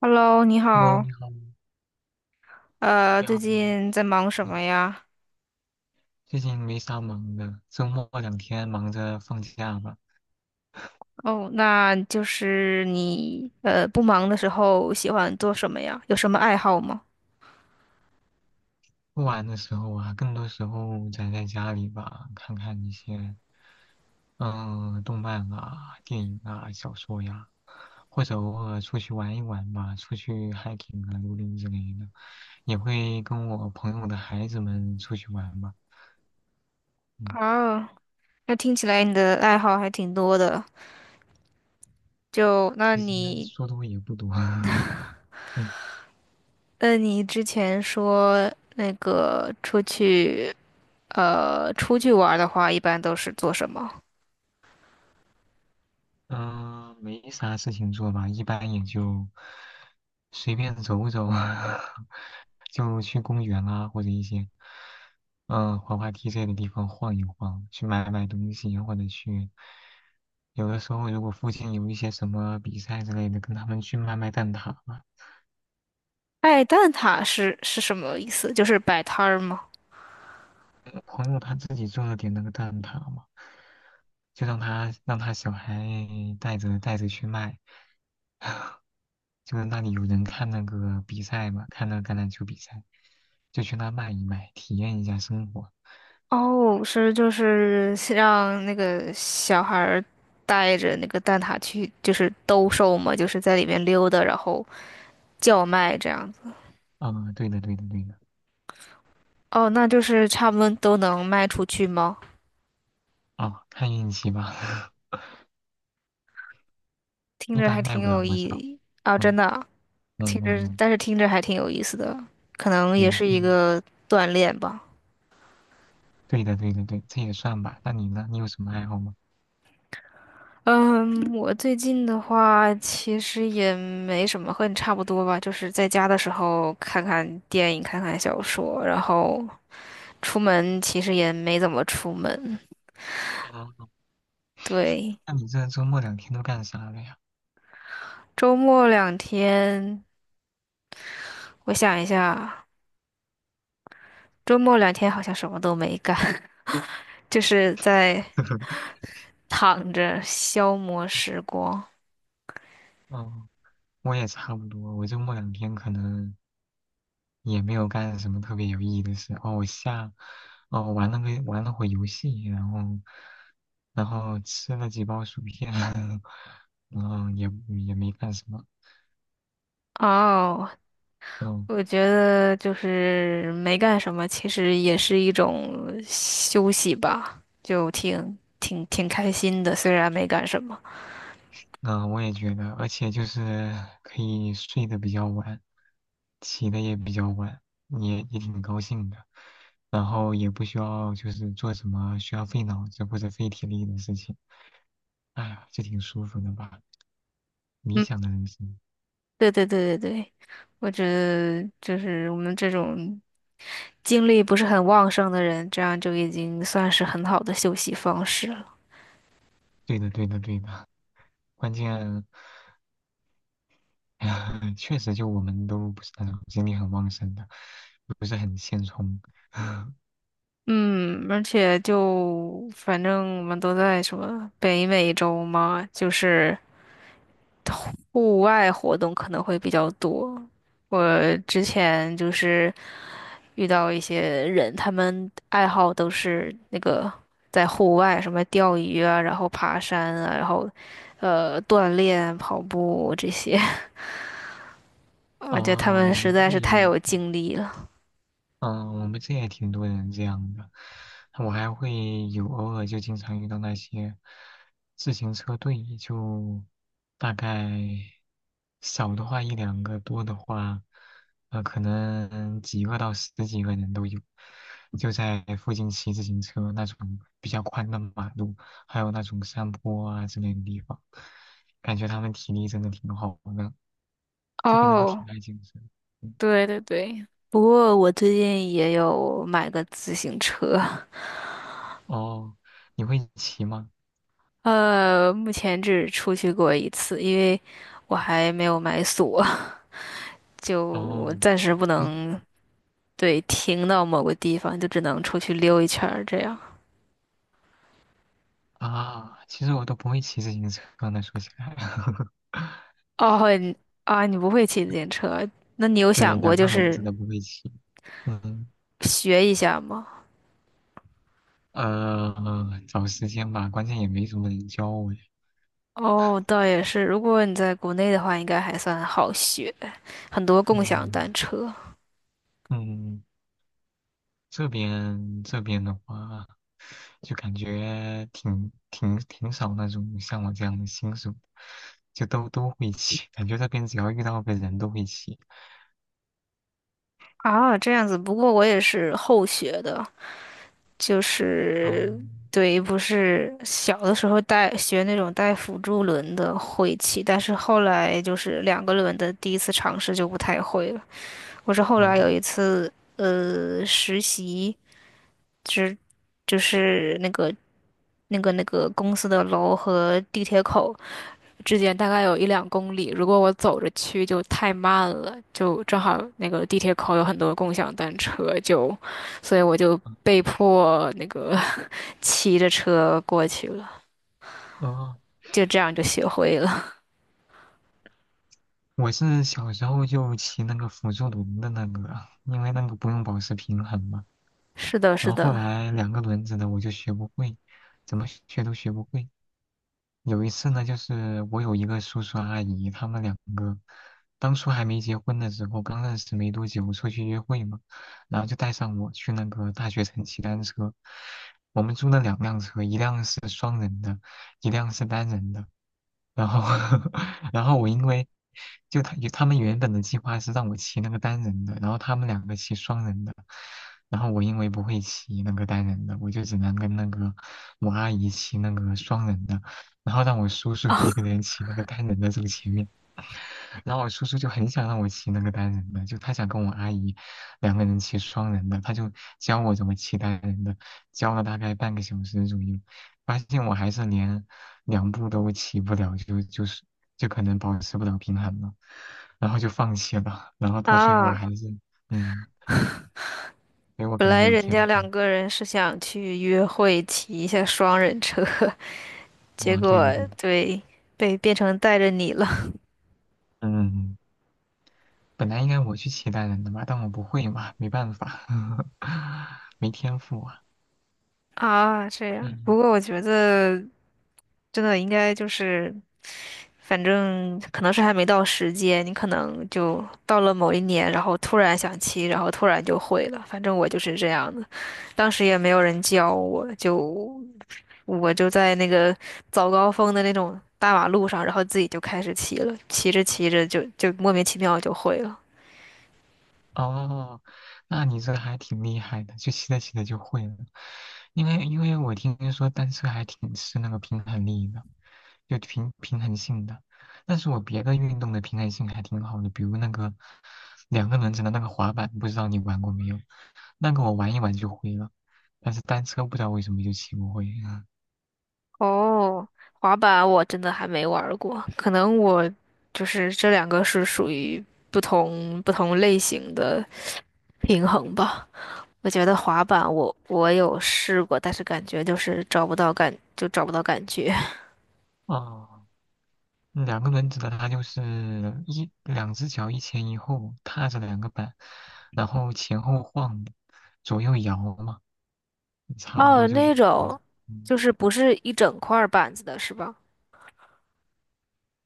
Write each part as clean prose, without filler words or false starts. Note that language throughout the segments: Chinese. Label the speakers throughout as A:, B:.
A: Hello，你
B: Hello，
A: 好，
B: 你好，你好，你
A: 最
B: 好。
A: 近在忙什
B: 嗯
A: 么呀？
B: 最近没啥忙的，周末两天忙着放假吧。
A: 哦，那就是你不忙的时候喜欢做什么呀？有什么爱好吗？
B: 不玩的时候啊，更多时候宅在家里吧，看看一些动漫啊、电影啊、小说呀，或者偶尔出去玩一玩吧，出去 hiking 啊、露营之类的，也会跟我朋友的孩子们出去玩吧。嗯，
A: 啊，那听起来你的爱好还挺多的。就那
B: 其实
A: 你，
B: 说多也不多，嗯
A: 那你之前说那个出去出去玩儿的话，一般都是做什么？
B: 嗯、没啥事情做吧，一般也就随便走走，就去公园啊，或者一些滑滑梯这类的地方晃一晃，去买买东西，或者有的时候如果附近有一些什么比赛之类的，跟他们去卖卖蛋挞嘛。
A: 爱蛋挞是什么意思？就是摆摊儿吗？
B: 朋友他自己做了点那个蛋挞嘛，就让他小孩带着去卖。就是那里有人看那个比赛嘛，看那个橄榄球比赛，就去那卖一卖，体验一下生活。
A: 哦，就是让那个小孩儿带着那个蛋挞去，就是兜售嘛，就是在里面溜达，然后叫卖这样子。
B: 嗯，对的，对的，对的。
A: 哦，那就是差不多都能卖出去吗？
B: 哦，看运气吧，
A: 听
B: 一
A: 着
B: 般
A: 还
B: 卖
A: 挺
B: 不了
A: 有意
B: 多少。
A: 义啊，真
B: 嗯
A: 的啊，
B: 嗯
A: 听
B: 嗯
A: 着，
B: 嗯，
A: 但是听着还挺有意思的，可能
B: 每
A: 也
B: 一
A: 是一
B: 定。
A: 个锻炼吧。
B: 对的，对的，对，这也算吧。那你呢？你有什么爱好吗？
A: 嗯，我最近的话其实也没什么，和你差不多吧，就是在家的时候看看电影，看看小说，然后。出门其实也没怎么出门。
B: 哦，
A: 对，
B: 那你这周末两天都干啥了呀？
A: 周末两天，我想一下，周末两天好像什么都没干，就是在 躺着消磨时光。
B: 嗯，我也差不多，我周末两天可能。也没有干什么特别有意义的事。哦，玩了会游戏，然后，然后吃了几包薯片，然后也没干什么。
A: 哦，
B: 嗯，
A: 我觉得就是没干什么，其实也是一种休息吧，就挺开心的，虽然没干什么。
B: 那我也觉得，而且就是可以睡得比较晚，起的也比较晚，也挺高兴的。然后也不需要就是做什么需要费脑子或者费体力的事情。哎呀，这挺舒服的吧？理
A: 嗯。
B: 想的人生。
A: 对，我觉得就是我们这种精力不是很旺盛的人，这样就已经算是很好的休息方式了。
B: 对的，对的，对的。关键 确实，就我们都不是那种精力很旺盛的，不是很现充。
A: 嗯，而且就反正我们都在什么北美洲嘛，就是户外活动可能会比较多。我之前就是遇到一些人，他们爱好都是那个在户外，什么钓鱼啊，然后爬山啊，然后锻炼、跑步这些，我觉得他
B: 啊、
A: 们
B: 我
A: 实
B: 们
A: 在
B: 这
A: 是
B: 也
A: 太有精力了。
B: 嗯，我们这也挺多人这样的。我还会有偶尔就经常遇到那些自行车队，就大概少的话一两个，多的话，可能几个到十几个人都有，就在附近骑自行车那种比较宽的马路，还有那种山坡啊之类的地方，感觉他们体力真的挺好的，这边人都
A: 哦，
B: 挺爱健身。嗯。
A: 对对对，不过我最近也有买个自行车，
B: 哦，你会骑吗？
A: 目前只出去过一次，因为我还没有买锁，就
B: 哦，
A: 暂时不
B: 其实
A: 能对停到某个地方，就只能出去溜一圈儿这样。
B: 其实我都不会骑自行车呢，说起来，
A: 哦，你啊，你不会骑自行车，那你有
B: 对，
A: 想过
B: 两
A: 就
B: 个轮
A: 是
B: 子都不会骑。嗯，
A: 学一下吗？
B: 找时间吧，关键也没什么人教我呀。
A: 哦，倒也是，如果你在国内的话，应该还算好学，很多共享
B: 嗯
A: 单车
B: 嗯，这边的话，就感觉挺少那种像我这样的新手，就都会骑，感觉这边只要遇到个人都会骑。
A: 啊，这样子。不过我也是后学的，就是
B: 嗯，
A: 对，不是小的时候带学那种带辅助轮的会骑，但是后来就是两个轮的第一次尝试就不太会了。我是后来有
B: 哦，
A: 一次实习。就是就是那个公司的楼和地铁口之间大概有1~2公里，如果我走着去就太慢了，就正好那个地铁口有很多共享单车，就所以我就
B: 嗯，
A: 被迫那个 骑着车过去了，
B: 哦。
A: 就这样就学会了。
B: 我是小时候就骑那个辅助轮的那个啊，因为那个不用保持平衡嘛。
A: 是的，是
B: 然后后
A: 的。
B: 来两个轮子的我就学不会，怎么学都学不会。有一次呢，就是我有一个叔叔阿姨，他们两个当初还没结婚的时候，刚认识没多久，出去约会嘛，然后就带上我去那个大学城骑单车。我们租了两辆车，一辆是双人的，一辆是单人的。然后 然后我因为他们原本的计划是让我骑那个单人的，然后他们两个骑双人的，然后我因为不会骑那个单人的，我就只能跟那个我阿姨骑那个双人的，然后让我叔叔一个人骑那个单人的走前面。然后我叔叔就很想让我骑那个单人的，就他想跟我阿姨两个人骑双人的，他就教我怎么骑单人的，教了大概半个小时左右，发现我还是连两步都骑不了，就可能保持不了平衡了，然后就放弃了，然后到最后
A: 啊，
B: 还是嗯，因为我
A: 本
B: 可能没
A: 来
B: 有
A: 人
B: 天
A: 家两
B: 赋，
A: 个人是想去约会，骑一下双人车，结
B: 嗯，对的
A: 果
B: 对的。
A: 对，被变成带着你了。
B: 嗯，嗯，本来应该我去骑单人的嘛，但我不会嘛，没办法，没天赋啊，
A: 啊，这样。不
B: 嗯。
A: 过我觉得真的应该就是，反正可能是还没到时间，你可能就到了某一年，然后突然想骑，然后突然就会了。反正我就是这样的，当时也没有人教我，就我就在那个早高峰的那种大马路上，然后自己就开始骑了，骑着骑着就莫名其妙就会了。
B: 哦，那你这还挺厉害的，就骑着骑着就会了。因为我听说单车还挺吃那个平衡力的，就平衡性的。但是我别的运动的平衡性还挺好的，比如那个两个轮子的那个滑板，不知道你玩过没有？那个我玩一玩就会了，但是单车不知道为什么就骑不会。
A: 哦，滑板我真的还没玩儿过，可能我就是这两个是属于不同类型的平衡吧。我觉得滑板我有试过，但是感觉就是找不到感，就找不到感觉。
B: 哦，两个轮子的它就是一两只脚一前一后踏着两个板，然后前后晃，左右摇嘛，差不
A: 哦，
B: 多就是
A: 那
B: 这样子。
A: 种
B: 嗯，
A: 就是不是一整块儿板子的是吧？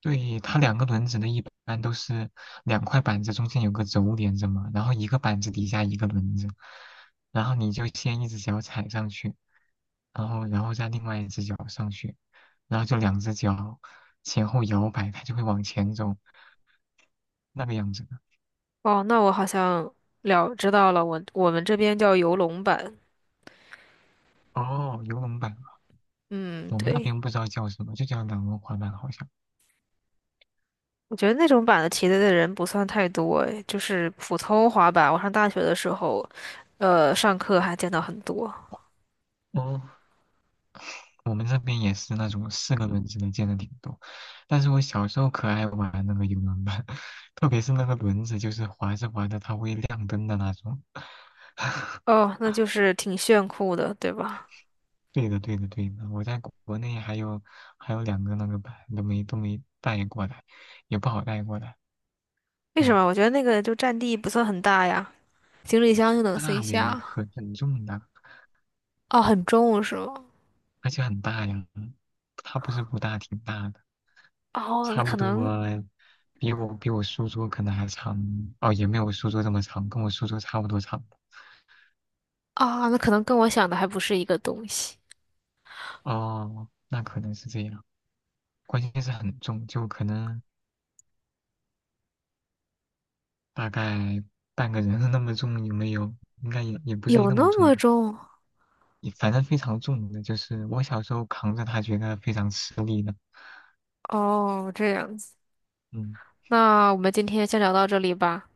B: 对，它两个轮子的，一般都是两块板子中间有个轴连着嘛，然后一个板子底下一个轮子，然后你就先一只脚踩上去，然后再另外一只脚上去，然后就两只脚前后摇摆，它就会往前走，那个样子的。
A: 哦，那我好像了知道了，我们这边叫游龙板。
B: 哦，游龙板。
A: 嗯，
B: 我们那
A: 对。
B: 边不知道叫什么，就叫两轮滑板好像。
A: 我觉得那种版的题的人不算太多，诶，就是普通滑板。我上大学的时候，上课还见到很多。
B: 哦，我们这边也是那种四个轮子的，见的挺多。但是我小时候可爱玩那个游轮板，特别是那个轮子，就是滑着滑着它会亮灯的那种。
A: 哦，那就是挺炫酷的，对吧？
B: 对的，对的，对的。我在国内还有两个那个板都没带过来，也不好带过来。
A: 为什
B: 嗯，
A: 么？我觉得那个就占地不算很大呀，行李箱就能塞
B: 大的也
A: 下。
B: 很重的，
A: 哦，很重是吗？
B: 而且很大呀。它不是不大，挺大的。
A: 哦，那
B: 差
A: 可
B: 不多
A: 能
B: 比我书桌可能还长，哦，也没有我书桌这么长，跟我书桌差不多长。
A: 跟我想的还不是一个东西。
B: 哦，那可能是这样。关键是很重，就可能大概半个人那么重，有没有？应该也也不至于
A: 有
B: 那
A: 那
B: 么重
A: 么
B: 吧，
A: 重？
B: 也反正非常重的，就是我小时候扛着它，觉得非常吃力的。
A: 哦，这样子。
B: 嗯
A: 那我们今天先聊到这里吧，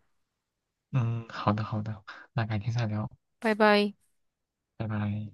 B: 嗯，好的好的，那改天再聊，
A: 拜拜。
B: 拜拜。